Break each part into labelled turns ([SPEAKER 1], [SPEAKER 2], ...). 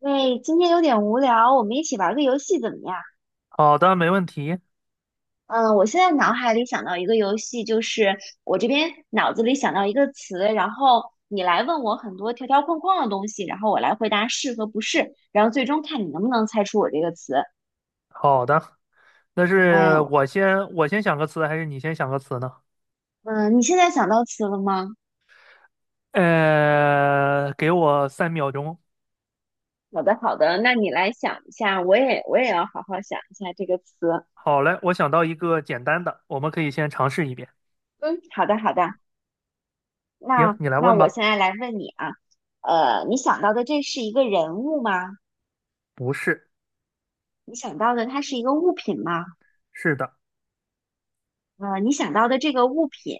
[SPEAKER 1] 喂，今天有点无聊，我们一起玩个游戏怎么样？
[SPEAKER 2] 好的，没问题。
[SPEAKER 1] 嗯，我现在脑海里想到一个游戏，就是我这边脑子里想到一个词，然后你来问我很多条条框框的东西，然后我来回答是和不是，然后最终看你能不能猜出我这个词。
[SPEAKER 2] 好的，那
[SPEAKER 1] 哎
[SPEAKER 2] 是
[SPEAKER 1] 呦，
[SPEAKER 2] 我先想个词，还是你先想个词呢？
[SPEAKER 1] 嗯，你现在想到词了吗？
[SPEAKER 2] 给我3秒钟。
[SPEAKER 1] 好的，好的，那你来想一下，我也要好好想一下这个词。
[SPEAKER 2] 好嘞，我想到一个简单的，我们可以先尝试一遍。
[SPEAKER 1] 嗯，好的，好的，
[SPEAKER 2] 行，
[SPEAKER 1] 那
[SPEAKER 2] 你来
[SPEAKER 1] 那
[SPEAKER 2] 问
[SPEAKER 1] 我现
[SPEAKER 2] 吧。
[SPEAKER 1] 在来问你啊，你想到的这是一个人物吗？
[SPEAKER 2] 不是。
[SPEAKER 1] 你想到的它是一个物品吗？
[SPEAKER 2] 是的。
[SPEAKER 1] 你想到的这个物品，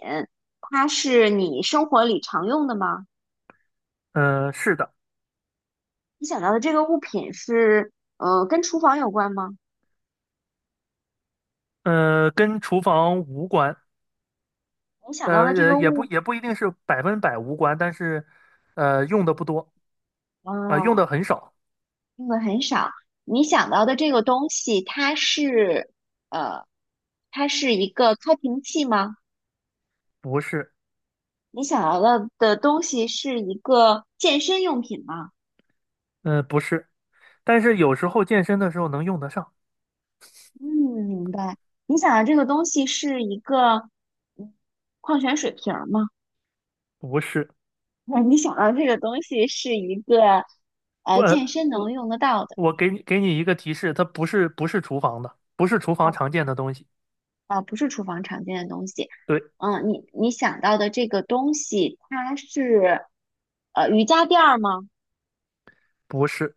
[SPEAKER 1] 它是你生活里常用的吗？
[SPEAKER 2] 是的。
[SPEAKER 1] 你想到的这个物品是，跟厨房有关吗？
[SPEAKER 2] 跟厨房无关。
[SPEAKER 1] 你想到的这个
[SPEAKER 2] 也不
[SPEAKER 1] 物，
[SPEAKER 2] 也不一定是百分百无关，但是用的不多，啊、用
[SPEAKER 1] 哦，
[SPEAKER 2] 的很少。
[SPEAKER 1] 用的很少。你想到的这个东西，它是，呃，它是一个开瓶器吗？
[SPEAKER 2] 不是。
[SPEAKER 1] 你想到的的东西是一个健身用品吗？
[SPEAKER 2] 不是，但是有时候健身的时候能用得上。
[SPEAKER 1] 嗯，明白。你想到这个东西是一个嗯矿泉水瓶儿吗？
[SPEAKER 2] 不是。
[SPEAKER 1] 那你想到这个东西是一个
[SPEAKER 2] 不，
[SPEAKER 1] 健身
[SPEAKER 2] 我
[SPEAKER 1] 能用得到的，
[SPEAKER 2] 我给你一个提示，它不是厨房的，不是厨
[SPEAKER 1] 啊
[SPEAKER 2] 房常见的东西。
[SPEAKER 1] 啊，不是厨房常见的东西。
[SPEAKER 2] 对，
[SPEAKER 1] 嗯，你想到的这个东西，它是瑜伽垫儿吗？
[SPEAKER 2] 不是。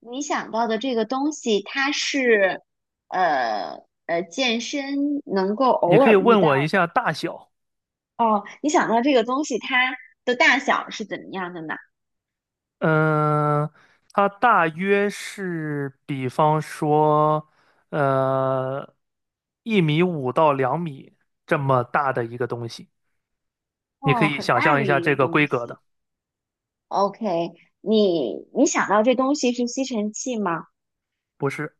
[SPEAKER 1] 你想到的这个东西，它是健身能够
[SPEAKER 2] 你
[SPEAKER 1] 偶
[SPEAKER 2] 可以
[SPEAKER 1] 尔遇
[SPEAKER 2] 问我一
[SPEAKER 1] 到的。
[SPEAKER 2] 下大小。
[SPEAKER 1] 哦，你想到这个东西，它的大小是怎么样的呢？
[SPEAKER 2] 嗯、它大约是，比方说，呃，1.5米到2米这么大的一个东西。你可
[SPEAKER 1] 哦，
[SPEAKER 2] 以
[SPEAKER 1] 很
[SPEAKER 2] 想
[SPEAKER 1] 大
[SPEAKER 2] 象一
[SPEAKER 1] 的
[SPEAKER 2] 下
[SPEAKER 1] 一个
[SPEAKER 2] 这个
[SPEAKER 1] 东
[SPEAKER 2] 规格
[SPEAKER 1] 西。
[SPEAKER 2] 的。
[SPEAKER 1] OK,你想到这东西是吸尘器吗？
[SPEAKER 2] 不是，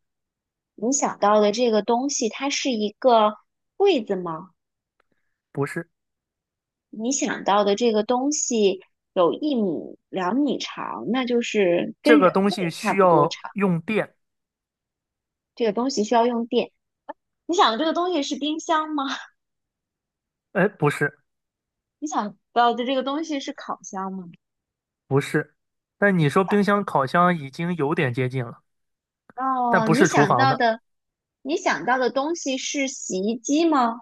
[SPEAKER 1] 你想到的这个东西，它是一个柜子吗？
[SPEAKER 2] 不是，
[SPEAKER 1] 你想到的这个东西有一米、两米长，那就是
[SPEAKER 2] 这
[SPEAKER 1] 跟
[SPEAKER 2] 个
[SPEAKER 1] 人
[SPEAKER 2] 东
[SPEAKER 1] 类
[SPEAKER 2] 西
[SPEAKER 1] 差
[SPEAKER 2] 需
[SPEAKER 1] 不多
[SPEAKER 2] 要
[SPEAKER 1] 长。
[SPEAKER 2] 用电。
[SPEAKER 1] 这个东西需要用电。你想的这个东西是冰箱吗？
[SPEAKER 2] 哎，不是，
[SPEAKER 1] 你想到的这个东西是烤箱吗？
[SPEAKER 2] 不是。但你说冰箱、烤箱已经有点接近了，但
[SPEAKER 1] 哦，
[SPEAKER 2] 不
[SPEAKER 1] 你
[SPEAKER 2] 是厨
[SPEAKER 1] 想
[SPEAKER 2] 房
[SPEAKER 1] 到
[SPEAKER 2] 的。
[SPEAKER 1] 的，你想到的东西是洗衣机吗？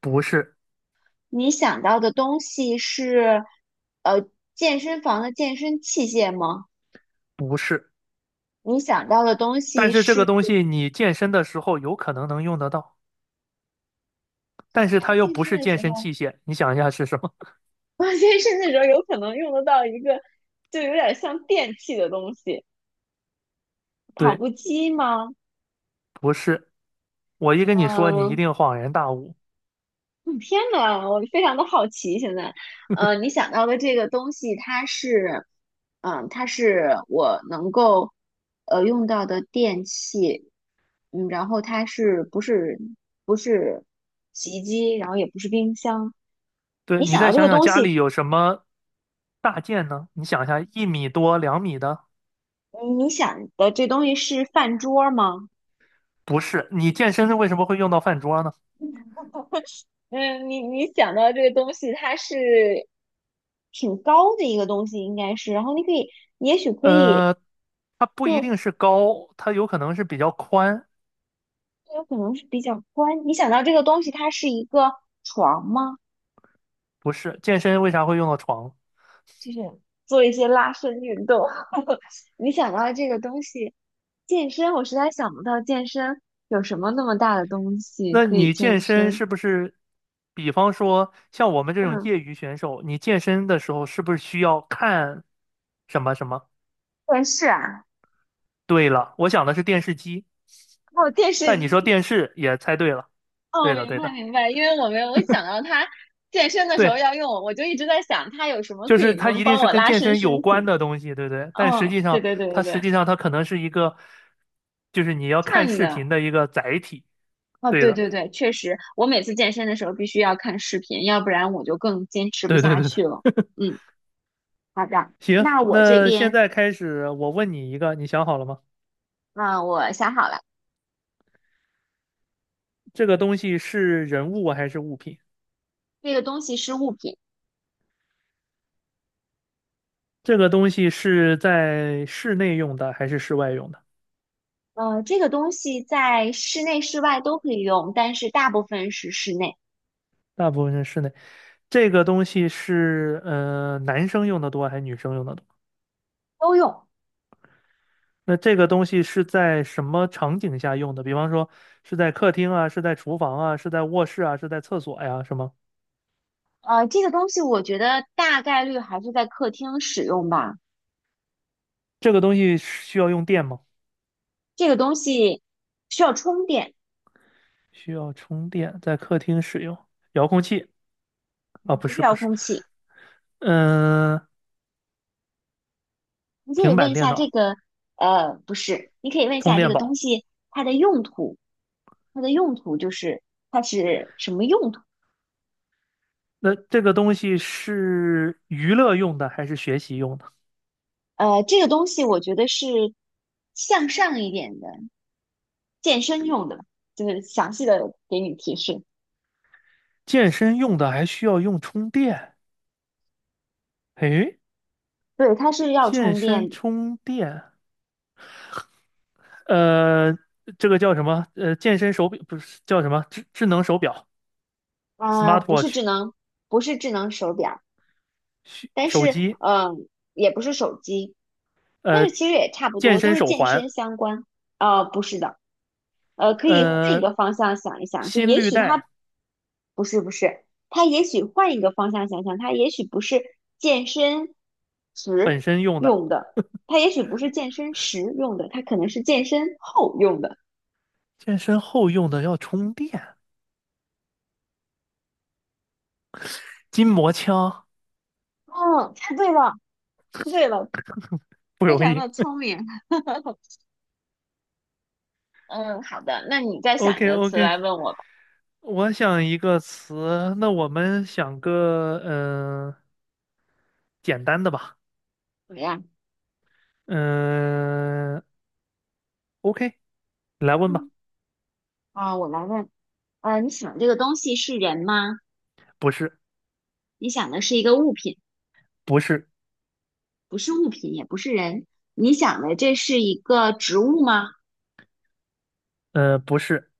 [SPEAKER 2] 不是，
[SPEAKER 1] 你想到的东西是，呃，健身房的健身器械吗？
[SPEAKER 2] 不是，
[SPEAKER 1] 你想到的东
[SPEAKER 2] 但
[SPEAKER 1] 西
[SPEAKER 2] 是这个
[SPEAKER 1] 是，
[SPEAKER 2] 东西你健身的时候有可能能用得到，但是
[SPEAKER 1] 哎，
[SPEAKER 2] 它又
[SPEAKER 1] 健
[SPEAKER 2] 不
[SPEAKER 1] 身
[SPEAKER 2] 是
[SPEAKER 1] 的
[SPEAKER 2] 健
[SPEAKER 1] 时
[SPEAKER 2] 身
[SPEAKER 1] 候。
[SPEAKER 2] 器械，你想一下是什么？
[SPEAKER 1] 我健身的时候有可能用得到一个，就有点像电器的东西，跑
[SPEAKER 2] 对，
[SPEAKER 1] 步机吗？
[SPEAKER 2] 不是。我一跟你说，你一
[SPEAKER 1] 嗯，
[SPEAKER 2] 定恍然大悟。
[SPEAKER 1] 嗯天呐，我非常的好奇现在。你想到的这个东西，它是，嗯，它是我能够用到的电器，嗯，然后它是不是不是洗衣机，然后也不是冰箱。
[SPEAKER 2] 对，
[SPEAKER 1] 你
[SPEAKER 2] 你
[SPEAKER 1] 想到
[SPEAKER 2] 再
[SPEAKER 1] 这
[SPEAKER 2] 想
[SPEAKER 1] 个
[SPEAKER 2] 想
[SPEAKER 1] 东
[SPEAKER 2] 家
[SPEAKER 1] 西，
[SPEAKER 2] 里有什么大件呢？你想一下，1米多、2米的，
[SPEAKER 1] 你想的这东西是饭桌吗？
[SPEAKER 2] 不是。你健身为什么会用到饭桌呢？
[SPEAKER 1] 嗯，你想到这个东西，它是挺高的一个东西，应该是。然后你可以，也许可以，
[SPEAKER 2] 呃，它不一
[SPEAKER 1] 就
[SPEAKER 2] 定是高，它有可能是比较宽，
[SPEAKER 1] 就有可能是比较宽。你想到这个东西，它是一个床吗？
[SPEAKER 2] 不是。健身为啥会用到床？
[SPEAKER 1] 就是做一些拉伸运动。你想到这个东西，健身，我实在想不到健身有什么那么大的东西
[SPEAKER 2] 那
[SPEAKER 1] 可以
[SPEAKER 2] 你健
[SPEAKER 1] 健
[SPEAKER 2] 身
[SPEAKER 1] 身。
[SPEAKER 2] 是不是，比方说像我们这种
[SPEAKER 1] 嗯，
[SPEAKER 2] 业余选手，你健身的时候是不是需要看什么什么？
[SPEAKER 1] 电视啊，
[SPEAKER 2] 对了，我想的是电视机，
[SPEAKER 1] 还有电视
[SPEAKER 2] 但你说
[SPEAKER 1] 机。
[SPEAKER 2] 电视也猜对了。
[SPEAKER 1] 哦，
[SPEAKER 2] 对的，
[SPEAKER 1] 明
[SPEAKER 2] 对
[SPEAKER 1] 白
[SPEAKER 2] 的，
[SPEAKER 1] 明白，因为我没有，我想到他健身的时候
[SPEAKER 2] 对，
[SPEAKER 1] 要用，我就一直在想他有什么
[SPEAKER 2] 就
[SPEAKER 1] 可
[SPEAKER 2] 是
[SPEAKER 1] 以
[SPEAKER 2] 它
[SPEAKER 1] 能
[SPEAKER 2] 一定
[SPEAKER 1] 帮
[SPEAKER 2] 是
[SPEAKER 1] 我
[SPEAKER 2] 跟
[SPEAKER 1] 拉
[SPEAKER 2] 健
[SPEAKER 1] 伸
[SPEAKER 2] 身有
[SPEAKER 1] 身
[SPEAKER 2] 关
[SPEAKER 1] 体。
[SPEAKER 2] 的东西，对不对？但实
[SPEAKER 1] 哦，
[SPEAKER 2] 际
[SPEAKER 1] 对
[SPEAKER 2] 上，
[SPEAKER 1] 对对
[SPEAKER 2] 它
[SPEAKER 1] 对对，
[SPEAKER 2] 实际上它可能是一个，就是你要看
[SPEAKER 1] 看
[SPEAKER 2] 视频
[SPEAKER 1] 的，
[SPEAKER 2] 的一个载体。
[SPEAKER 1] 哦，
[SPEAKER 2] 对
[SPEAKER 1] 对
[SPEAKER 2] 的，
[SPEAKER 1] 对对，确实，我每次健身的时候必须要看视频，要不然我就更坚持不
[SPEAKER 2] 对对
[SPEAKER 1] 下
[SPEAKER 2] 对对。
[SPEAKER 1] 去了。嗯，好的，
[SPEAKER 2] 行，
[SPEAKER 1] 那我这
[SPEAKER 2] 那现
[SPEAKER 1] 边，
[SPEAKER 2] 在开始，我问你一个，你想好了吗？
[SPEAKER 1] 嗯、我想好了，
[SPEAKER 2] 这个东西是人物还是物品？
[SPEAKER 1] 这个东西是物品，
[SPEAKER 2] 这个东西是在室内用的还是室外用的？
[SPEAKER 1] 这个东西在室内室外都可以用，但是大部分是室内
[SPEAKER 2] 大部分是室内。这个东西是男生用的多还是女生用的多？
[SPEAKER 1] 都用。
[SPEAKER 2] 那这个东西是在什么场景下用的？比方说是在客厅啊，是在厨房啊，是在卧室啊，是在厕所呀，是吗？
[SPEAKER 1] 这个东西我觉得大概率还是在客厅使用吧。
[SPEAKER 2] 这个东西是需要用电吗？
[SPEAKER 1] 这个东西需要充电，
[SPEAKER 2] 需要充电，在客厅使用。遥控器。啊，
[SPEAKER 1] 嗯
[SPEAKER 2] 不
[SPEAKER 1] 不是
[SPEAKER 2] 是不
[SPEAKER 1] 遥
[SPEAKER 2] 是，
[SPEAKER 1] 控器。
[SPEAKER 2] 嗯、
[SPEAKER 1] 你可以
[SPEAKER 2] 平
[SPEAKER 1] 问
[SPEAKER 2] 板
[SPEAKER 1] 一
[SPEAKER 2] 电
[SPEAKER 1] 下这
[SPEAKER 2] 脑。
[SPEAKER 1] 个，不是，你可以问一
[SPEAKER 2] 充
[SPEAKER 1] 下这
[SPEAKER 2] 电
[SPEAKER 1] 个东
[SPEAKER 2] 宝。
[SPEAKER 1] 西它的用途，它的用途就是它是什么用途？
[SPEAKER 2] 那这个东西是娱乐用的还是学习用的？
[SPEAKER 1] 这个东西我觉得是向上一点的，健身用的，就是详细的给你提示。
[SPEAKER 2] 健身用的还需要用充电？诶，
[SPEAKER 1] 对，它是要
[SPEAKER 2] 健
[SPEAKER 1] 充
[SPEAKER 2] 身
[SPEAKER 1] 电的，
[SPEAKER 2] 充电，呃，这个叫什么？健身手表不是叫什么智能手表
[SPEAKER 1] 啊、不是
[SPEAKER 2] （smartwatch）
[SPEAKER 1] 智能，不是智能手表。
[SPEAKER 2] 需
[SPEAKER 1] 但
[SPEAKER 2] 手
[SPEAKER 1] 是
[SPEAKER 2] 机，
[SPEAKER 1] 嗯，也不是手机，但
[SPEAKER 2] 呃，
[SPEAKER 1] 是其实也差不
[SPEAKER 2] 健
[SPEAKER 1] 多，都
[SPEAKER 2] 身
[SPEAKER 1] 是
[SPEAKER 2] 手
[SPEAKER 1] 健身
[SPEAKER 2] 环，
[SPEAKER 1] 相关。不是的，可以换一
[SPEAKER 2] 呃，
[SPEAKER 1] 个方向想一想，就
[SPEAKER 2] 心
[SPEAKER 1] 也
[SPEAKER 2] 率
[SPEAKER 1] 许它
[SPEAKER 2] 带
[SPEAKER 1] 不是不是，它也许换一个方向想想，健身
[SPEAKER 2] 本
[SPEAKER 1] 时
[SPEAKER 2] 身用的，
[SPEAKER 1] 用的，它也许不是健身时用的，它可能是健身后用的。
[SPEAKER 2] 健身后用的要充电，筋膜枪。
[SPEAKER 1] 嗯，猜对了。猜对了，
[SPEAKER 2] 不
[SPEAKER 1] 非
[SPEAKER 2] 容
[SPEAKER 1] 常
[SPEAKER 2] 易。
[SPEAKER 1] 的聪明。嗯，好的，那你再
[SPEAKER 2] o
[SPEAKER 1] 想一
[SPEAKER 2] k
[SPEAKER 1] 个
[SPEAKER 2] o k
[SPEAKER 1] 词来问我吧，
[SPEAKER 2] 我想一个词，那我们想个简单的吧。
[SPEAKER 1] 怎么样？
[SPEAKER 2] 嗯，OK，来问吧。
[SPEAKER 1] 嗯，啊，我来问。你想这个东西是人吗？
[SPEAKER 2] 不是，
[SPEAKER 1] 你想的是一个物品，
[SPEAKER 2] 不是，
[SPEAKER 1] 不是物品，也不是人。你想的这是一个植物吗？
[SPEAKER 2] 不是。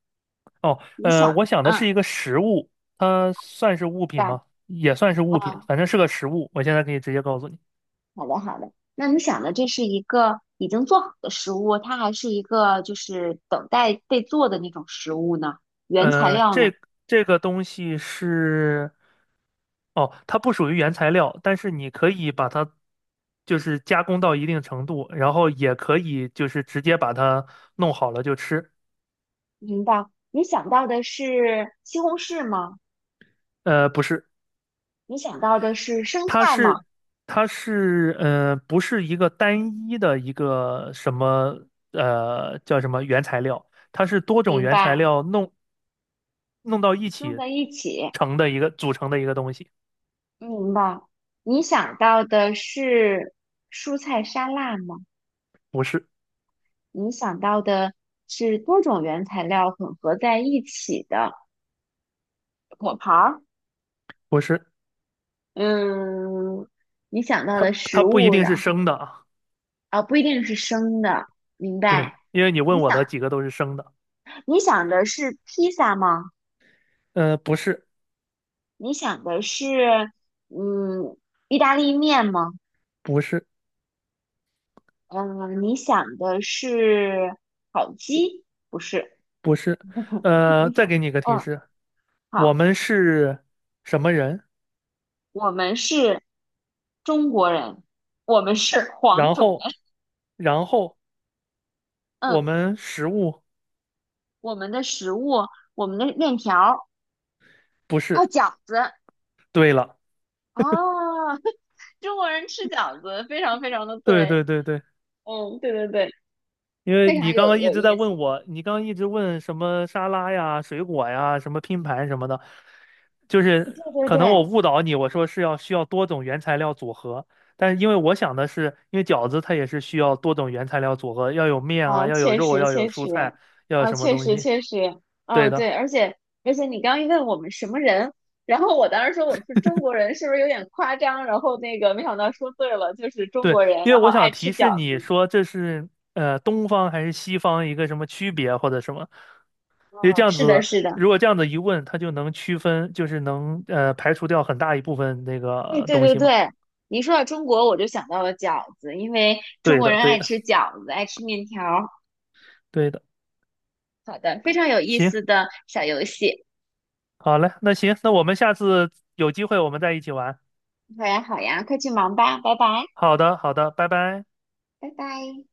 [SPEAKER 2] 哦，
[SPEAKER 1] 你想，
[SPEAKER 2] 我想的
[SPEAKER 1] 嗯，
[SPEAKER 2] 是一个食物，它算是物品
[SPEAKER 1] 对，
[SPEAKER 2] 吗？也算是物品，
[SPEAKER 1] 嗯，
[SPEAKER 2] 反正是个食物。我现在可以直接告诉你，
[SPEAKER 1] 好的，好的。那你想的这是一个已经做好的食物，它还是一个就是等待被做的那种食物呢？原材
[SPEAKER 2] 呃，
[SPEAKER 1] 料呢？
[SPEAKER 2] 这这个东西是，哦，它不属于原材料，但是你可以把它就是加工到一定程度，然后也可以就是直接把它弄好了就吃。
[SPEAKER 1] 明白。你想到的是西红柿吗？
[SPEAKER 2] 不是。
[SPEAKER 1] 你想到的是生
[SPEAKER 2] 它
[SPEAKER 1] 菜吗？
[SPEAKER 2] 是它是不是一个单一的一个什么叫什么原材料，它是多种
[SPEAKER 1] 明
[SPEAKER 2] 原材
[SPEAKER 1] 白。
[SPEAKER 2] 料弄到一
[SPEAKER 1] 弄
[SPEAKER 2] 起
[SPEAKER 1] 在一起，
[SPEAKER 2] 成的一个组成的一个东西，
[SPEAKER 1] 明白。你想到的是蔬菜沙拉吗？
[SPEAKER 2] 不是
[SPEAKER 1] 你想到的是多种原材料混合在一起的果盘儿？
[SPEAKER 2] 不是，
[SPEAKER 1] 嗯，你想到
[SPEAKER 2] 它
[SPEAKER 1] 的
[SPEAKER 2] 它
[SPEAKER 1] 食
[SPEAKER 2] 不一
[SPEAKER 1] 物，
[SPEAKER 2] 定是
[SPEAKER 1] 然后
[SPEAKER 2] 生的啊，
[SPEAKER 1] 啊，不一定是生的，明
[SPEAKER 2] 对，
[SPEAKER 1] 白？
[SPEAKER 2] 因为你
[SPEAKER 1] 你
[SPEAKER 2] 问我的
[SPEAKER 1] 想，
[SPEAKER 2] 几个都是生的，
[SPEAKER 1] 你想的是披萨吗？
[SPEAKER 2] 不是
[SPEAKER 1] 你想的是嗯，意大利面吗？
[SPEAKER 2] 不是
[SPEAKER 1] 嗯，你想的是烤鸡？不是，
[SPEAKER 2] 不是，
[SPEAKER 1] 你
[SPEAKER 2] 再
[SPEAKER 1] 想，
[SPEAKER 2] 给你一个提
[SPEAKER 1] 嗯。
[SPEAKER 2] 示，我
[SPEAKER 1] 好。
[SPEAKER 2] 们是什么人，
[SPEAKER 1] 我们是中国人，我们是黄
[SPEAKER 2] 然
[SPEAKER 1] 种
[SPEAKER 2] 后
[SPEAKER 1] 人。
[SPEAKER 2] 然后我
[SPEAKER 1] 嗯，
[SPEAKER 2] 们食物
[SPEAKER 1] 我们的食物，我们的面条儿，
[SPEAKER 2] 不
[SPEAKER 1] 啊，
[SPEAKER 2] 是。
[SPEAKER 1] 饺子，
[SPEAKER 2] 对了，
[SPEAKER 1] 哦，中国人吃饺子，非常非常的
[SPEAKER 2] 对
[SPEAKER 1] 对。
[SPEAKER 2] 对对对，
[SPEAKER 1] 嗯，对对对，
[SPEAKER 2] 因为
[SPEAKER 1] 非常
[SPEAKER 2] 你刚
[SPEAKER 1] 有
[SPEAKER 2] 刚一
[SPEAKER 1] 有
[SPEAKER 2] 直在
[SPEAKER 1] 意
[SPEAKER 2] 问
[SPEAKER 1] 思。
[SPEAKER 2] 我，你刚刚一直问什么沙拉呀、水果呀、什么拼盘什么的，就是
[SPEAKER 1] 对
[SPEAKER 2] 可
[SPEAKER 1] 对
[SPEAKER 2] 能我
[SPEAKER 1] 对，
[SPEAKER 2] 误导你，我说是要需要多种原材料组合，但是因为我想的是，因为饺子它也是需要多种原材料组合，要有面啊，
[SPEAKER 1] 啊，
[SPEAKER 2] 要有
[SPEAKER 1] 确
[SPEAKER 2] 肉啊，
[SPEAKER 1] 实
[SPEAKER 2] 要有
[SPEAKER 1] 确
[SPEAKER 2] 蔬
[SPEAKER 1] 实，
[SPEAKER 2] 菜，要有
[SPEAKER 1] 啊，
[SPEAKER 2] 什么
[SPEAKER 1] 确
[SPEAKER 2] 东
[SPEAKER 1] 实
[SPEAKER 2] 西。
[SPEAKER 1] 确实，
[SPEAKER 2] 对
[SPEAKER 1] 嗯，对，
[SPEAKER 2] 的。
[SPEAKER 1] 而且你刚一问我们什么人，然后我当时说我是中国人，是不是有点夸张？然后那个没想到说对了，就是中
[SPEAKER 2] 对，
[SPEAKER 1] 国人，
[SPEAKER 2] 因为
[SPEAKER 1] 然后
[SPEAKER 2] 我想
[SPEAKER 1] 爱吃
[SPEAKER 2] 提示
[SPEAKER 1] 饺
[SPEAKER 2] 你
[SPEAKER 1] 子。
[SPEAKER 2] 说这是东方还是西方一个什么区别或者什么，因为
[SPEAKER 1] 哦，
[SPEAKER 2] 这样
[SPEAKER 1] 是的，
[SPEAKER 2] 子，
[SPEAKER 1] 是的，
[SPEAKER 2] 如果这样子一问，它就能区分，就是能排除掉很大一部分那
[SPEAKER 1] 哎，
[SPEAKER 2] 个
[SPEAKER 1] 对
[SPEAKER 2] 东
[SPEAKER 1] 对
[SPEAKER 2] 西嘛。
[SPEAKER 1] 对，你一说到中国，我就想到了饺子，因为中
[SPEAKER 2] 对
[SPEAKER 1] 国
[SPEAKER 2] 的，
[SPEAKER 1] 人
[SPEAKER 2] 对
[SPEAKER 1] 爱
[SPEAKER 2] 的，
[SPEAKER 1] 吃饺子，爱吃面条儿
[SPEAKER 2] 对的。
[SPEAKER 1] 好的，非常有意
[SPEAKER 2] 行，
[SPEAKER 1] 思的小游戏，
[SPEAKER 2] 好嘞，那行，那我们下次有机会我们再一起玩。
[SPEAKER 1] 好呀，好呀，快去忙吧，拜拜，
[SPEAKER 2] 好的，好的，拜拜。
[SPEAKER 1] 拜拜。